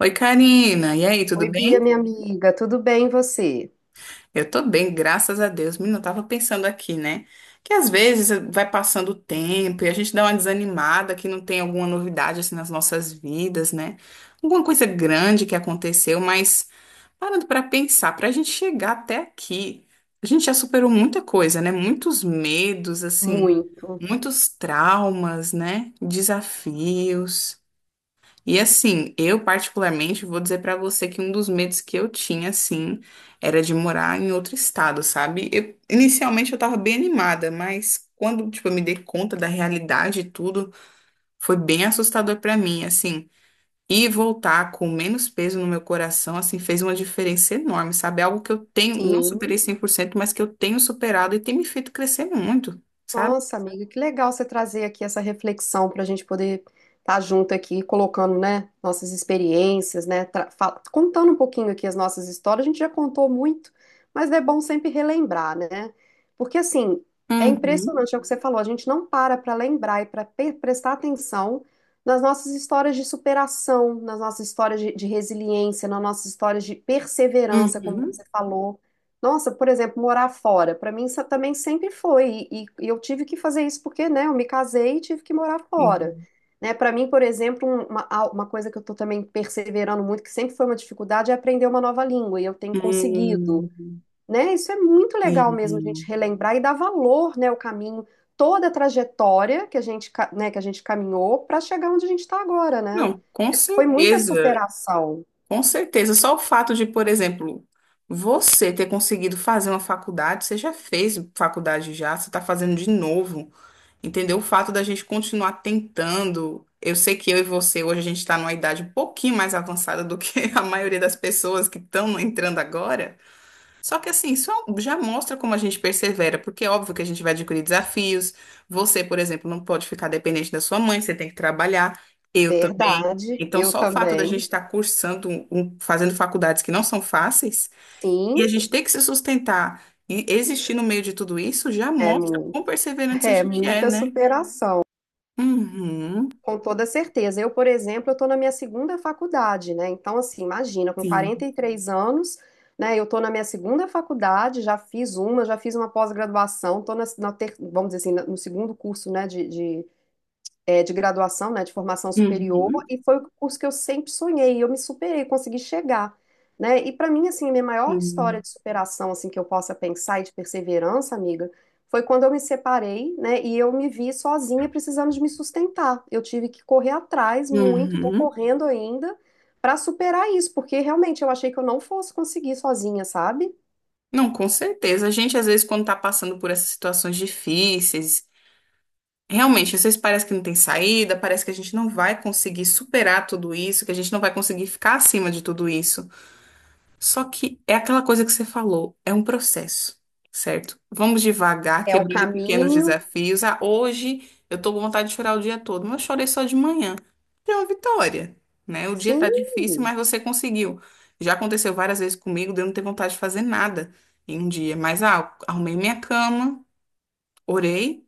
Oi, Karina. E aí, tudo Oi, Bia, bem? minha amiga, tudo bem e você? Eu tô bem, graças a Deus. Menina, eu tava pensando aqui, né? Que às vezes vai passando o tempo e a gente dá uma desanimada que não tem alguma novidade assim nas nossas vidas, né? Alguma coisa grande que aconteceu, mas parando pra pensar, pra gente chegar até aqui, a gente já superou muita coisa, né? Muitos medos, assim, Muito, muitos traumas, né? Desafios. E assim, eu particularmente vou dizer pra você que um dos medos que eu tinha, assim, era de morar em outro estado, sabe? Eu, inicialmente eu tava bem animada, mas quando, tipo, eu me dei conta da realidade e tudo, foi bem assustador pra mim, assim. E voltar com menos peso no meu coração, assim, fez uma diferença enorme, sabe? Algo que eu tenho, não superei sim. 100% mas que eu tenho superado e tem me feito crescer muito, sabe? Nossa, amiga, que legal você trazer aqui essa reflexão para a gente poder estar junto aqui, colocando, né, nossas experiências, né, contando um pouquinho aqui as nossas histórias. A gente já contou muito, mas é bom sempre relembrar, né? Porque assim, é Uhum, impressionante, é o que você falou, a gente não para para lembrar e para prestar atenção nas nossas histórias de superação, nas nossas histórias de resiliência, nas nossas histórias de perseverança, como uhum. você falou. Nossa, por exemplo, morar fora, para mim isso também sempre foi, e eu tive que fazer isso porque, né, eu me casei e tive que morar fora, né, para mim, por exemplo, uma coisa que eu tô também perseverando muito, que sempre foi uma dificuldade, é aprender uma nova língua, e eu tenho conseguido, Hum, né, isso é muito legal mesmo, a gente hum. relembrar e dar valor, né, o caminho, toda a trajetória que né, que a gente caminhou para chegar onde a gente está agora, né, Não, com foi muita certeza, superação, com certeza. Só o fato de, por exemplo, você ter conseguido fazer uma faculdade, você já fez faculdade já, você está fazendo de novo, entendeu? O fato da gente continuar tentando. Eu sei que eu e você hoje a gente está numa idade um pouquinho mais avançada do que a maioria das pessoas que estão entrando agora. Só que assim, isso é um, já mostra como a gente persevera, porque é óbvio que a gente vai adquirir desafios. Você, por exemplo, não pode ficar dependente da sua mãe, você tem que trabalhar, eu também. verdade, Então, eu só o fato da gente também, estar cursando, fazendo faculdades que não são fáceis, sim, e a gente ter que se sustentar e existir no meio de tudo isso, já é mostra quão muito. perseverante a É gente é, muita né? superação, Uhum, com toda certeza. Eu, por exemplo, eu estou na minha segunda faculdade, né? Então, assim, imagina, com sim. 43 anos, né? Eu estou na minha segunda faculdade, já fiz uma pós-graduação, estou vamos dizer assim, no segundo curso, né, de é, de graduação, né, de formação superior, Uhum, e foi o curso que eu sempre sonhei, e eu me superei, consegui chegar, né? E para mim, assim, a minha maior história sim. de superação, assim, que eu possa pensar e de perseverança, amiga, foi quando eu me separei, né, e eu me vi sozinha precisando de me sustentar. Eu tive que correr atrás muito, tô Uhum. correndo ainda para superar isso, porque realmente eu achei que eu não fosse conseguir sozinha, sabe? Não, com certeza. A gente, às vezes, quando está passando por essas situações difíceis, realmente, às vezes parece que não tem saída, parece que a gente não vai conseguir superar tudo isso, que a gente não vai conseguir ficar acima de tudo isso. Só que é aquela coisa que você falou, é um processo, certo? Vamos devagar, É o quebrando em pequenos caminho. desafios. Ah, hoje eu tô com vontade de chorar o dia todo, mas eu chorei só de manhã. É uma vitória, né? O dia tá Sim, difícil, mas você conseguiu. Já aconteceu várias vezes comigo de eu não ter vontade de fazer nada em um dia, mas ah, arrumei minha cama, orei.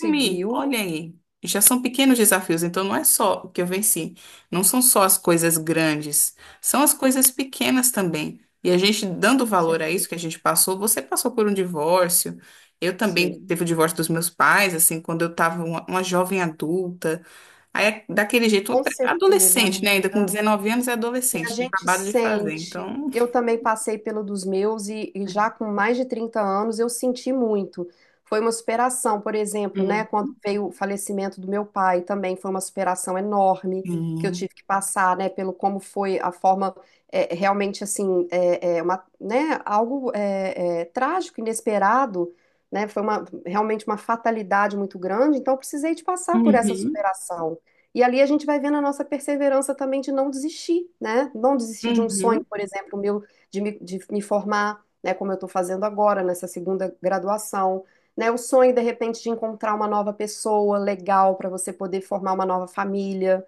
Me, olha aí. Já são pequenos desafios, então não é só o que eu venci. Não são só as coisas grandes, são as coisas pequenas também. E a gente dando com valor a isso certeza. que a gente passou, você passou por um divórcio, eu também Sim, teve o divórcio dos meus pais, assim, quando eu estava uma jovem adulta. Aí, é daquele jeito, uma com pré- certeza, adolescente, né? Ainda com amiga. 19 anos é E a adolescente, tinha gente acabado de fazer. sente. Então, Eu também passei pelo dos meus já com mais de 30 anos eu senti muito. Foi uma superação, por exemplo, né? hum, Quando veio o falecimento do meu pai também foi uma superação enorme que eu sim. tive que passar, né? Pelo como foi a forma é, realmente assim, uma, né? Algo trágico, inesperado, né? Foi uma, realmente uma fatalidade muito grande. Então eu precisei de passar por essa Uhum, superação. E ali a gente vai vendo a nossa perseverança também de não desistir, né? Não desistir de um sonho, uhum, por exemplo, meu, de me formar, né? Como eu estou fazendo agora, nessa segunda graduação, né? O sonho, de repente, de encontrar uma nova pessoa legal para você poder formar uma nova família.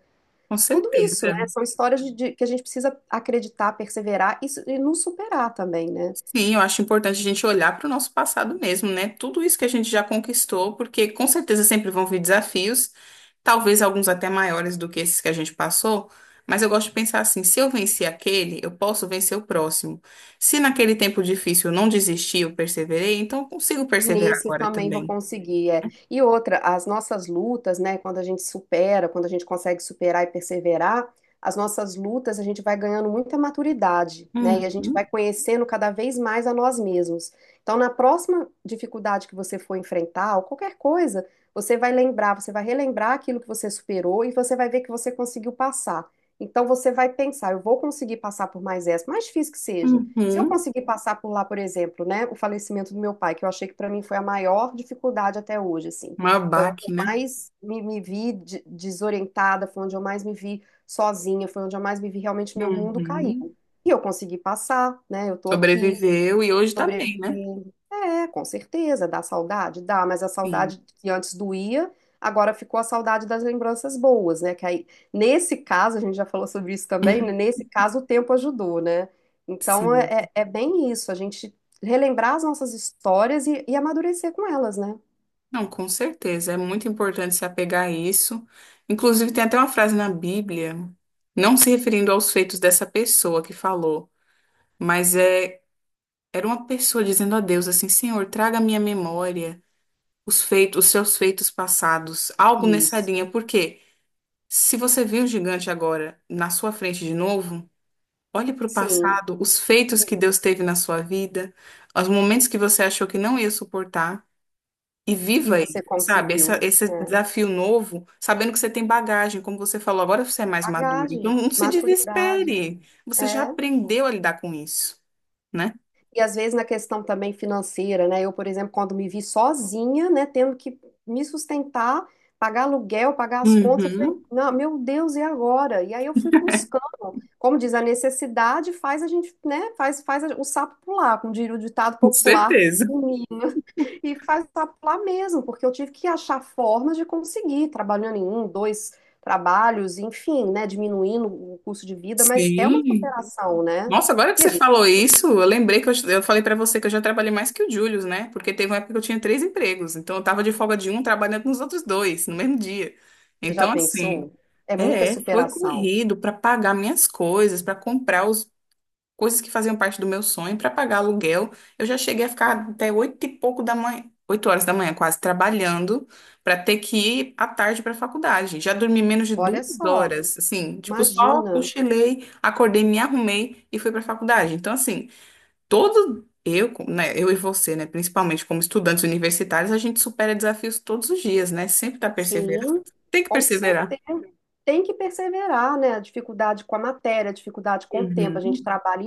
com Tudo isso, né? certeza. São histórias que a gente precisa acreditar, perseverar e nos superar também, né? Sim, eu acho importante a gente olhar para o nosso passado mesmo, né? Tudo isso que a gente já conquistou, porque com certeza sempre vão vir desafios, talvez alguns até maiores do que esses que a gente passou, mas eu gosto de pensar assim: se eu venci aquele, eu posso vencer o próximo. Se naquele tempo difícil eu não desisti, eu perseverei, então eu consigo perseverar Nesse eu agora também vou também. conseguir, é. E outra, as nossas lutas, né, quando a gente supera, quando a gente consegue superar e perseverar, as nossas lutas a gente vai ganhando muita maturidade, né, e a gente vai Uhum, conhecendo cada vez mais a nós mesmos. Então, na próxima dificuldade que você for enfrentar, ou qualquer coisa, você vai lembrar, você vai relembrar aquilo que você superou e você vai ver que você conseguiu passar. Então, você vai pensar, eu vou conseguir passar por mais essa, mais difícil que seja. Se eu uhum. conseguir passar por lá, por exemplo, né, o falecimento do meu pai, que eu achei que para mim foi a maior dificuldade até hoje, assim, Um foi onde abaque, eu né? mais me vi desorientada, foi onde eu mais me vi sozinha, foi onde eu mais me vi realmente meu mundo caiu. Uhum. E eu consegui passar, né? Eu tô aqui. Sobreviveu e hoje tá bem, Sobreviver. né? É, com certeza, dá saudade, dá, mas a Sim, saudade que antes doía, agora ficou a saudade das lembranças boas, né? Que aí, nesse caso, a gente já falou sobre isso também, né? Nesse caso o tempo ajudou, né? Então sim. é bem isso, a gente relembrar as nossas histórias e amadurecer com elas, né? Não, com certeza. É muito importante se apegar a isso. Inclusive, tem até uma frase na Bíblia, não se referindo aos feitos dessa pessoa que falou, mas é, era uma pessoa dizendo a Deus assim: Senhor, traga à minha memória os feitos, os seus feitos passados, algo nessa Isso, linha. Porque se você viu o gigante agora na sua frente de novo, olhe para o sim. passado, os feitos que Deus teve na sua vida, os momentos que você achou que não ia suportar. E E viva aí, você sabe? conseguiu. Essa, esse É. desafio novo, sabendo que você tem bagagem, como você falou, agora você é mais maduro. Então, Bagagem, não se maturidade. desespere. Você já É. aprendeu a lidar com isso, né? E às vezes na questão também financeira, né? Eu, por exemplo, quando me vi sozinha, né, tendo que me sustentar, pagar aluguel, pagar as contas, eu falei, Uhum, não, meu Deus, e agora? E aí eu fui buscando. Como diz, a necessidade faz a gente, né, o sapo pular, como diria o ditado com popular certeza. em mim. E faz o sapo pular mesmo, porque eu tive que achar formas de conseguir, trabalhando em um, dois trabalhos, enfim, né, diminuindo o custo de vida, mas é uma Sim. superação, né? Nossa, agora que E a você falou isso, eu lembrei que eu falei pra você que eu já trabalhei mais que o Július, né? Porque teve uma época que eu tinha três empregos. Então, eu tava de folga de um, trabalhando nos outros dois, no mesmo dia. Você já Então, assim. pensou? É muita É, foi superação. corrido para pagar minhas coisas, para comprar os coisas que faziam parte do meu sonho para pagar aluguel. Eu já cheguei a ficar até oito e pouco da manhã, 8 horas da manhã quase trabalhando para ter que ir à tarde para a faculdade. Já dormi menos de duas Olha só, horas, assim, tipo só imagina. cochilei, acordei, me arrumei e fui para a faculdade. Então assim, todo eu, né, eu e você, né, principalmente como estudantes universitários, a gente supera desafios todos os dias, né? Sempre tá perseverando. Sim, Tem que com perseverar. certeza. Tem que perseverar, né? A dificuldade com a matéria, a dificuldade com o tempo. A gente Uhum. trabalha e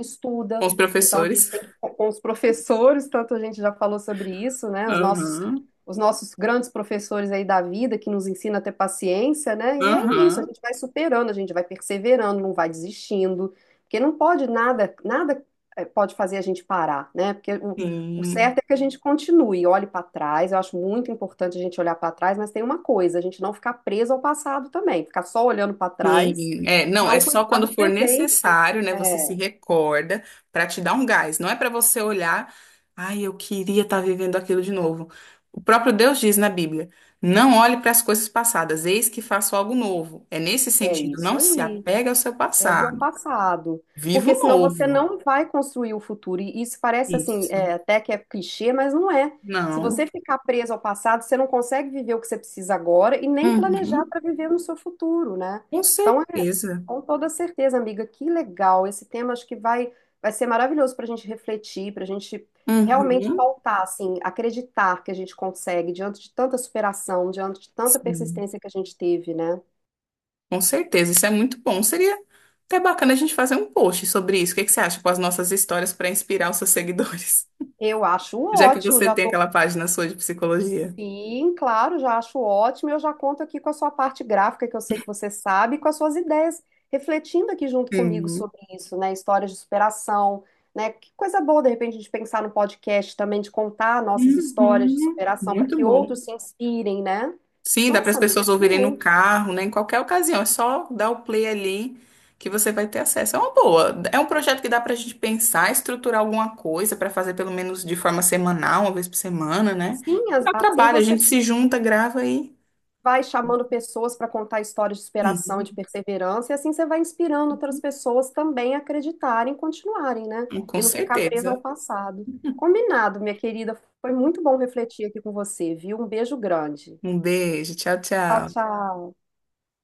Com estuda, os então a gente professores. tem que, com os professores, tanto a gente já falou sobre isso, né? Aham, Os nossos grandes professores aí da vida, que nos ensina a ter paciência, né? E é isso, a aham. gente vai superando, a gente vai perseverando, não vai desistindo, porque não pode nada, nada pode fazer a gente parar, né? Porque o O Sim. certo é que a gente continue, olhe para trás. Eu acho muito importante a gente olhar para trás, mas tem uma coisa, a gente não ficar preso ao passado também, ficar só olhando para trás Sim, é, e não, é não só cuidar quando do for presente. necessário, né? Você se É, recorda para te dar um gás. Não é para você olhar, ai, eu queria estar vivendo aquilo de novo. O próprio Deus diz na Bíblia: não olhe para as coisas passadas, eis que faço algo novo. É nesse é sentido, isso não se aí. apega ao seu Pegue ao passado. passado, Viva porque o senão você novo. não vai construir o futuro. E isso parece assim, Isso. é, até que é clichê, mas não é. Se Não. você ficar preso ao passado, você não consegue viver o que você precisa agora e nem planejar Uhum. para viver no seu futuro, né? Com Então, é, certeza. com toda certeza, amiga, que legal. Esse tema acho que vai, vai ser maravilhoso para a gente refletir, para a gente realmente Uhum. pautar, assim, acreditar que a gente consegue diante de tanta superação, diante de tanta Sim. persistência que a gente teve, né? Com certeza, isso é muito bom. Seria até bacana a gente fazer um post sobre isso. O que que você acha com as nossas histórias para inspirar os seus seguidores? Eu acho Já que ótimo, você já tem tô aquela página sua de psicologia. Sim, claro, já acho ótimo. Eu já conto aqui com a sua parte gráfica, que eu sei que você sabe, e com as suas ideias, refletindo aqui junto comigo Sim. sobre isso, né? Histórias de superação, né? Que coisa boa, de repente, a gente pensar no podcast também, de contar nossas histórias de Uhum. superação para Muito que bom. outros se inspirem, né? Sim, dá para as Nossa, amiga, pessoas ouvirem no excelente. carro, né? Em qualquer ocasião. É só dar o play ali que você vai ter acesso. É uma boa. É um projeto que dá para a gente pensar, estruturar alguma coisa para fazer pelo menos de forma semanal, uma vez por semana, né? Sim, Dá assim trabalho, a você gente se junta, grava e. vai chamando pessoas para contar histórias de superação, de Sim, perseverança, e assim você vai inspirando outras pessoas também a acreditarem, continuarem, né? com E não ficar preso certeza. ao passado. Combinado, minha querida. Foi muito bom refletir aqui com você, viu? Um beijo grande. Um beijo, tchau, Tchau, tchau. tchau.